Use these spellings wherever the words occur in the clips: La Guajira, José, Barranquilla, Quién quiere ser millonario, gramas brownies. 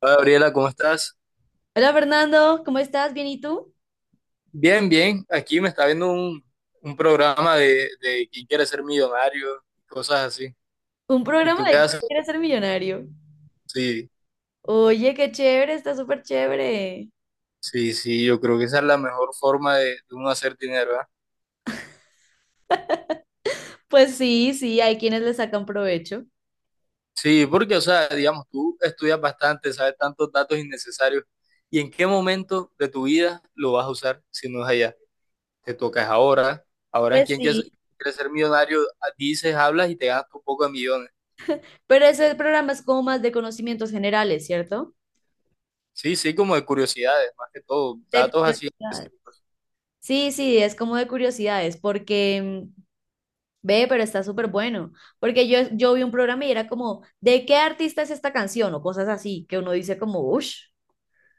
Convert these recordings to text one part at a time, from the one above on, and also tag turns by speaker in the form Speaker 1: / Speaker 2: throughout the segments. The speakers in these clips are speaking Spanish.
Speaker 1: Hola Gabriela, ¿cómo estás?
Speaker 2: Hola Fernando, ¿cómo estás? ¿Bien y tú?
Speaker 1: Bien, bien. Aquí me está viendo un programa de quién quiere ser millonario, cosas así.
Speaker 2: Un
Speaker 1: ¿Y
Speaker 2: programa
Speaker 1: tú
Speaker 2: de
Speaker 1: qué
Speaker 2: ¿Quién
Speaker 1: haces?
Speaker 2: quiere ser millonario?
Speaker 1: Sí,
Speaker 2: Oye, qué chévere, está súper chévere.
Speaker 1: sí, sí, yo creo que esa es la mejor forma de uno hacer dinero, ¿verdad?
Speaker 2: Pues sí, sí, hay quienes le sacan provecho.
Speaker 1: Sí, porque, o sea, digamos, tú estudias bastante, sabes tantos datos innecesarios. ¿Y en qué momento de tu vida lo vas a usar si no es allá? Te tocas ahora. Ahora en
Speaker 2: Pues
Speaker 1: quién quiere
Speaker 2: sí.
Speaker 1: ser millonario. Ah, dices, hablas y te gastas un poco de millones.
Speaker 2: Pero ese programa es como más de conocimientos generales, ¿cierto?
Speaker 1: Sí, sí, como de curiosidades, más que todo,
Speaker 2: De
Speaker 1: datos así
Speaker 2: curiosidades.
Speaker 1: específicos.
Speaker 2: Sí, sí, es como de curiosidades, porque ve, pero está súper bueno. Porque yo vi un programa y era como, ¿de qué artista es esta canción? O cosas así, que uno dice como, uff.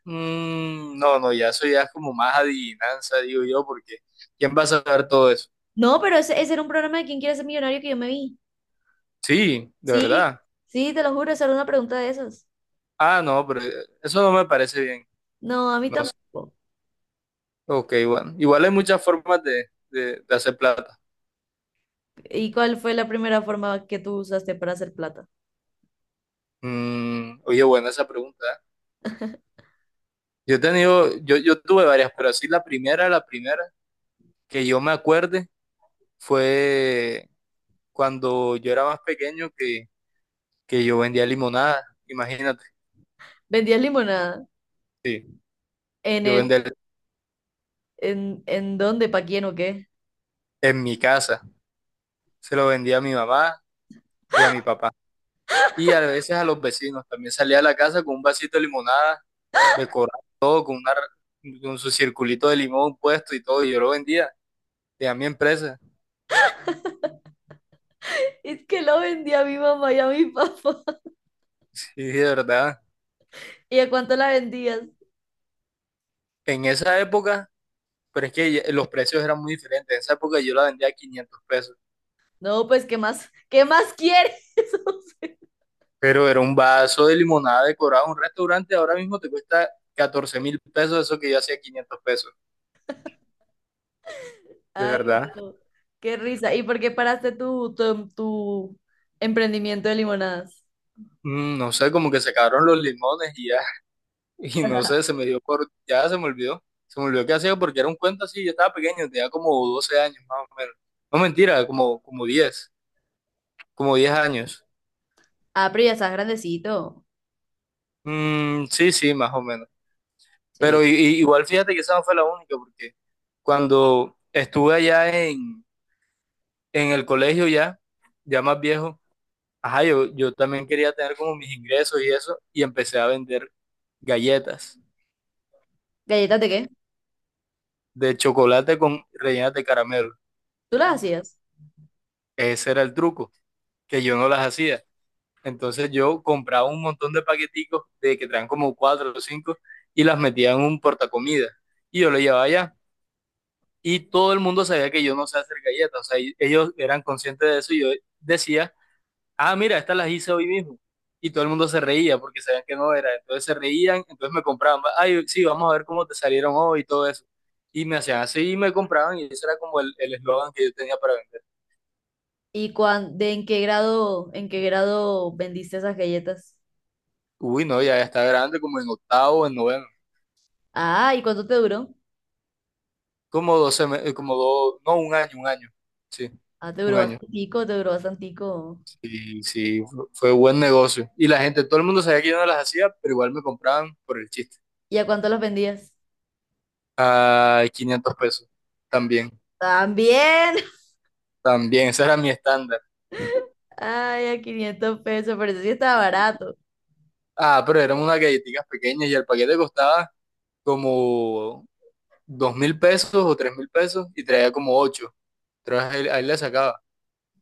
Speaker 1: Mm, no, no, ya eso ya es como más adivinanza, digo yo, porque ¿quién va a saber todo eso?
Speaker 2: No, pero ese era un programa de ¿Quién quiere ser millonario que yo me vi.
Speaker 1: Sí, de
Speaker 2: Sí,
Speaker 1: verdad.
Speaker 2: sí, te lo juro, esa era una pregunta de esas.
Speaker 1: Ah, no, pero eso no me parece bien.
Speaker 2: No, a mí
Speaker 1: No sé.
Speaker 2: tampoco.
Speaker 1: Ok, bueno. Igual hay muchas formas de hacer plata.
Speaker 2: ¿Y cuál fue la primera forma que tú usaste para hacer plata?
Speaker 1: Oye, buena esa pregunta. ¿Eh? Yo he tenido, yo tuve varias, pero así la primera que yo me acuerde fue cuando yo era más pequeño que yo vendía limonada, imagínate.
Speaker 2: ¿Vendías limonada?
Speaker 1: Sí.
Speaker 2: ¿En
Speaker 1: yo
Speaker 2: el,
Speaker 1: vender
Speaker 2: en dónde, para quién o qué?
Speaker 1: en mi casa. Se lo vendía a mi mamá y a mi papá. Y a veces a los vecinos. También salía a la casa con un vasito de limonada, decorado todo, con, una, con su circulito de limón puesto y todo. Y yo lo vendía. Tenía mi empresa.
Speaker 2: Es que lo vendía a mi mamá y a mi papá.
Speaker 1: Sí, de verdad.
Speaker 2: ¿Y a cuánto la vendías?
Speaker 1: En esa época, pero es que los precios eran muy diferentes. En esa época yo la vendía a 500 pesos.
Speaker 2: No, pues, ¿qué más? ¿Qué más quieres? O
Speaker 1: Pero era un vaso de limonada decorado en un restaurante. Ahora mismo te cuesta 14 mil pesos eso que yo hacía 500 pesos.
Speaker 2: sea,
Speaker 1: De
Speaker 2: ay,
Speaker 1: verdad.
Speaker 2: no, qué risa. ¿Y por qué paraste tu emprendimiento de limonadas?
Speaker 1: No sé, como que se acabaron los limones y ya. Y no sé, se me dio por, ya se me olvidó qué hacía porque era un cuento así, yo estaba pequeño, tenía como 12 años más o menos. No mentira, como 10 años.
Speaker 2: Ah, pero ya estás grandecito.
Speaker 1: Mm, sí, sí, más o menos.
Speaker 2: Sí.
Speaker 1: Pero igual fíjate que esa no fue la única porque cuando estuve allá en el colegio ya, ya más viejo, ajá, yo también quería tener como mis ingresos y eso y empecé a vender galletas
Speaker 2: ¿Galletas de qué?
Speaker 1: de chocolate con rellenas de caramelo.
Speaker 2: ¿Tú las hacías?
Speaker 1: Ese era el truco, que yo no las hacía. Entonces yo compraba un montón de paqueticos de que traen como cuatro o cinco y las metía en un portacomida y yo lo llevaba allá. Y todo el mundo sabía que yo no sé hacer galletas, o sea, ellos eran conscientes de eso y yo decía, ah, mira, estas las hice hoy mismo. Y todo el mundo se reía porque sabían que no era, entonces se reían, entonces me compraban, ay, sí, vamos a ver cómo te salieron hoy y todo eso. Y me hacían así y me compraban y ese era como el eslogan que yo tenía para vender.
Speaker 2: ¿Y cuán, de en qué grado vendiste esas galletas?
Speaker 1: Uy, no, ya está grande, como en octavo, en noveno.
Speaker 2: Ah, ¿y cuánto te duró?
Speaker 1: Como dos, como dos, no, un año, un año. Sí,
Speaker 2: Ah, te
Speaker 1: un
Speaker 2: duró
Speaker 1: año.
Speaker 2: bastantico, te duró bastantico.
Speaker 1: Sí, sí, fue buen negocio. Y la gente, todo el mundo sabía que yo no las hacía, pero igual me compraban por el chiste.
Speaker 2: ¿Y a cuánto las vendías?
Speaker 1: A 500 pesos. También,
Speaker 2: También.
Speaker 1: también, ese era mi estándar.
Speaker 2: Ay, a 500 pesos, pero eso sí estaba barato.
Speaker 1: Ah, pero eran unas galletitas pequeñas y el paquete costaba como 2.000 pesos o 3.000 pesos y traía como ocho. Entonces ahí, ahí le sacaba.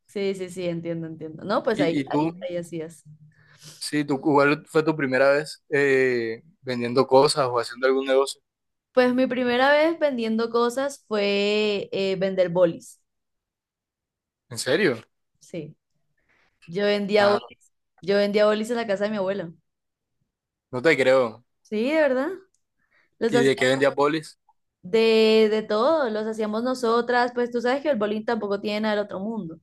Speaker 2: Sí, sí, sí, entiendo, entiendo. No, pues
Speaker 1: ¿Y,
Speaker 2: ahí,
Speaker 1: y tú?
Speaker 2: ahí, ahí hacías.
Speaker 1: Sí, tú, ¿cuál fue tu primera vez vendiendo cosas o haciendo algún negocio?
Speaker 2: Pues mi primera vez vendiendo cosas fue vender bolis.
Speaker 1: ¿En serio?
Speaker 2: Sí, yo vendía
Speaker 1: Ah,
Speaker 2: bolis. Yo vendía bolis en la casa de mi abuela.
Speaker 1: no te creo.
Speaker 2: Sí, de verdad. Los
Speaker 1: ¿Y
Speaker 2: hacía
Speaker 1: de qué vendías bolis?
Speaker 2: de todo, los hacíamos nosotras, pues tú sabes que el bowling tampoco tiene nada del otro mundo.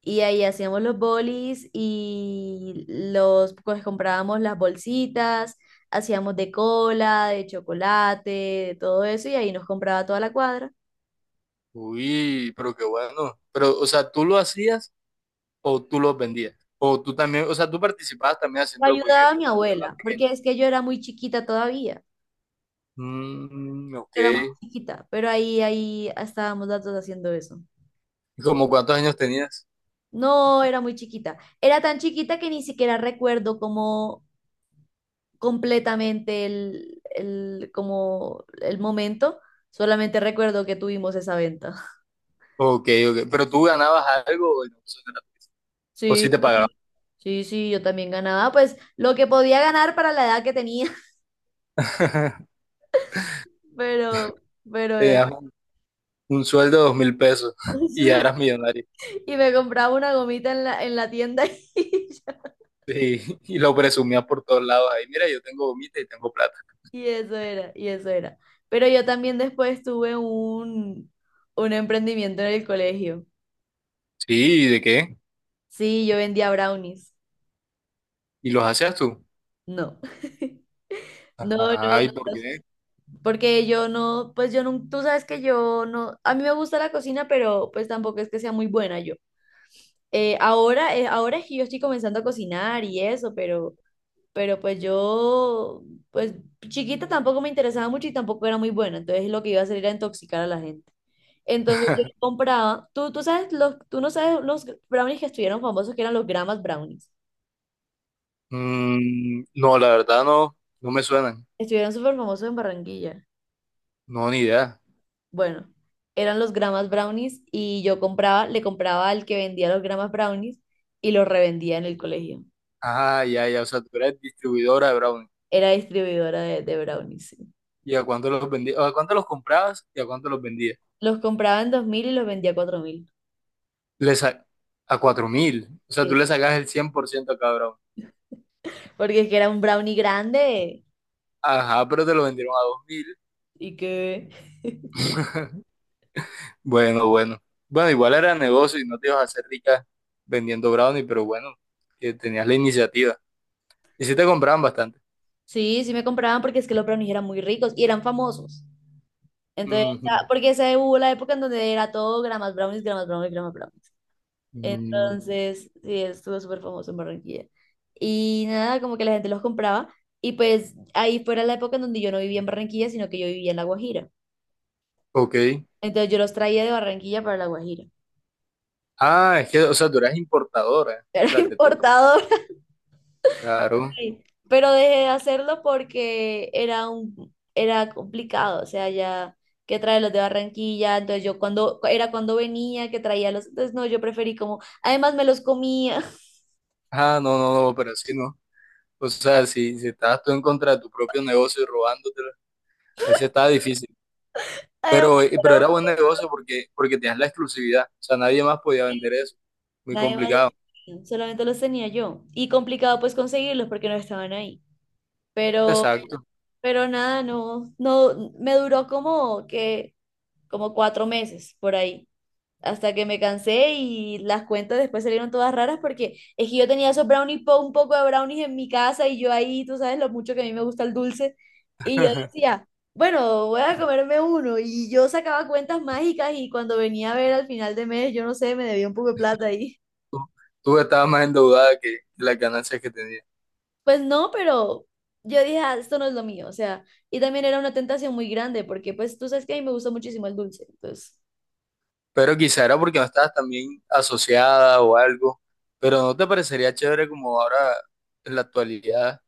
Speaker 2: Y ahí hacíamos los bolis y pues comprábamos las bolsitas, hacíamos de cola, de chocolate, de todo eso, y ahí nos compraba toda la cuadra.
Speaker 1: Uy, pero qué bueno. Pero, o sea, ¿tú lo hacías o tú los vendías? O tú también, o sea, tú participabas también
Speaker 2: Lo
Speaker 1: haciéndolo porque me
Speaker 2: ayudaba a mi
Speaker 1: dijiste que estabas
Speaker 2: abuela,
Speaker 1: pequeño.
Speaker 2: porque es que yo era muy chiquita todavía,
Speaker 1: Mm, ok.
Speaker 2: yo era muy chiquita, pero ahí estábamos las dos haciendo eso.
Speaker 1: ¿Y como cuántos años tenías?
Speaker 2: No, era muy chiquita. Era tan chiquita que ni siquiera recuerdo cómo completamente el como el momento. Solamente recuerdo que tuvimos esa venta.
Speaker 1: Ok, ok. ¿Pero tú ganabas algo o no? Eso no era gratis. ¿O sí
Speaker 2: Sí,
Speaker 1: te pagaban?
Speaker 2: sí, sí, sí, yo también ganaba, pues lo que podía ganar para la edad que tenía, pero, pero eso.
Speaker 1: Tenías un sueldo de 2.000 pesos y ya eras millonario.
Speaker 2: Y me compraba una gomita en la tienda y ya.
Speaker 1: Sí, y lo presumías por todos lados. Ahí, mira, yo tengo gomita y tengo plata.
Speaker 2: Y eso era, y eso era. Pero yo también después tuve un emprendimiento en el colegio.
Speaker 1: Sí, ¿y de qué?
Speaker 2: Sí, yo vendía brownies.
Speaker 1: ¿Y los hacías tú?
Speaker 2: No, no, no.
Speaker 1: Ajá, ¿y por qué?
Speaker 2: Porque yo no, pues yo no, tú sabes que yo no, a mí me gusta la cocina, pero pues tampoco es que sea muy buena yo. Ahora, ahora es que yo estoy comenzando a cocinar y eso, pero pues yo, pues chiquita tampoco me interesaba mucho y tampoco era muy buena, entonces lo que iba a hacer era intoxicar a la gente. Entonces yo compraba, tú sabes, tú no sabes los brownies que estuvieron famosos, que eran los gramas brownies.
Speaker 1: Mm, no, la verdad no, no me suenan.
Speaker 2: Estuvieron súper famosos en Barranquilla.
Speaker 1: No, ni idea.
Speaker 2: Bueno, eran los gramas brownies y yo compraba, le compraba al que vendía los gramas brownies y los revendía en el colegio.
Speaker 1: Ah, ya, ya. O sea, tú eres distribuidora de Brownie.
Speaker 2: Era distribuidora de brownies, sí.
Speaker 1: ¿Y a cuánto los vendías? ¿A cuánto los comprabas y a cuánto los vendías?
Speaker 2: Los compraba en 2.000 y los vendía a 4.000.
Speaker 1: Le sa- a 4.000. O sea,
Speaker 2: Sí.
Speaker 1: tú le sacas el 100% a cada Brownie.
Speaker 2: Porque es que era un brownie grande
Speaker 1: Ajá, pero te lo vendieron a 2.000.
Speaker 2: y que...
Speaker 1: Bueno, bueno. Bueno, igual era negocio y no te ibas a hacer rica vendiendo Brownie, pero bueno, que tenías la iniciativa. Y sí te compraban bastante.
Speaker 2: Sí, sí me compraban porque es que los brownies eran muy ricos y eran famosos. Entonces,
Speaker 1: Ujú.
Speaker 2: porque esa hubo la época en donde era todo gramas brownies, gramas brownies, gramas brownies.
Speaker 1: Mm,
Speaker 2: Entonces, sí, estuvo súper famoso en Barranquilla. Y nada, como que la gente los compraba. Y pues ahí fuera la época en donde yo no vivía en Barranquilla, sino que yo vivía en La Guajira.
Speaker 1: ok.
Speaker 2: Entonces yo los traía de Barranquilla para La Guajira.
Speaker 1: Ah, es que, o sea, tú eras importadora,
Speaker 2: Era
Speaker 1: tras de todo.
Speaker 2: importador.
Speaker 1: Claro.
Speaker 2: Ahí. Pero dejé de hacerlo porque era era complicado. O sea, ya que traer los de Barranquilla. Entonces yo cuando, era cuando venía que traía los. Entonces no, yo preferí como, además me los comía.
Speaker 1: Ah, no, no, no, pero así no. O sea, si estabas tú en contra de tu propio negocio y robándotelo, ahí sí estaba difícil.
Speaker 2: Además,
Speaker 1: Pero era buen negocio porque tenías la exclusividad. O sea, nadie más podía vender eso. Muy
Speaker 2: nadie más los
Speaker 1: complicado.
Speaker 2: tenía, solamente los tenía yo. Y complicado pues conseguirlos porque no estaban ahí. Pero,
Speaker 1: Exacto.
Speaker 2: pero nada, no, no, me duró como que, como 4 meses por ahí. Hasta que me cansé y las cuentas después salieron todas raras porque es que yo tenía esos brownies, un poco de brownies en mi casa y yo ahí, tú sabes lo mucho que a mí me gusta el dulce. Y yo decía, bueno, voy a comerme uno. Y yo sacaba cuentas mágicas y cuando venía a ver al final de mes, yo no sé, me debía un poco de plata ahí.
Speaker 1: Tú, tú estabas más endeudada que las ganancias que tenías.
Speaker 2: Pues no, pero yo dije, "Ah, esto no es lo mío, o sea, y también era una tentación muy grande porque pues tú sabes que a mí me gusta muchísimo el dulce, entonces
Speaker 1: Pero quizá era porque no estabas también asociada o algo. Pero ¿no te parecería chévere como ahora en la actualidad,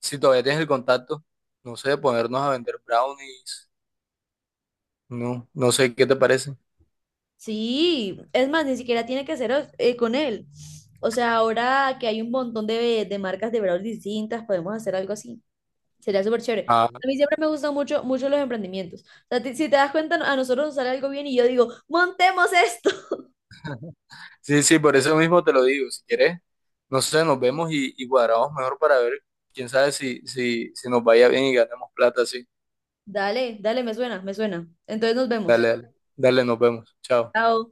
Speaker 1: si todavía tienes el contacto, no sé, ponernos a vender brownies? No, no sé, ¿qué te parece?
Speaker 2: sí, es más, ni siquiera tiene que ser con él. O sea, ahora que hay un montón de marcas de brownies distintas, podemos hacer algo así. Sería súper chévere.
Speaker 1: Ah.
Speaker 2: A mí siempre me gustan mucho, mucho los emprendimientos. O sea, si te das cuenta, a nosotros nos sale algo bien y yo digo, montemos esto.
Speaker 1: Sí, sí, por eso mismo te lo digo. Si quieres, no sé, nos vemos y cuadramos mejor para ver, quién sabe si nos vaya bien y ganemos plata, sí.
Speaker 2: Dale, dale, me suena, me suena. Entonces nos vemos.
Speaker 1: Dale, dale, dale, nos vemos. Chao.
Speaker 2: Chao.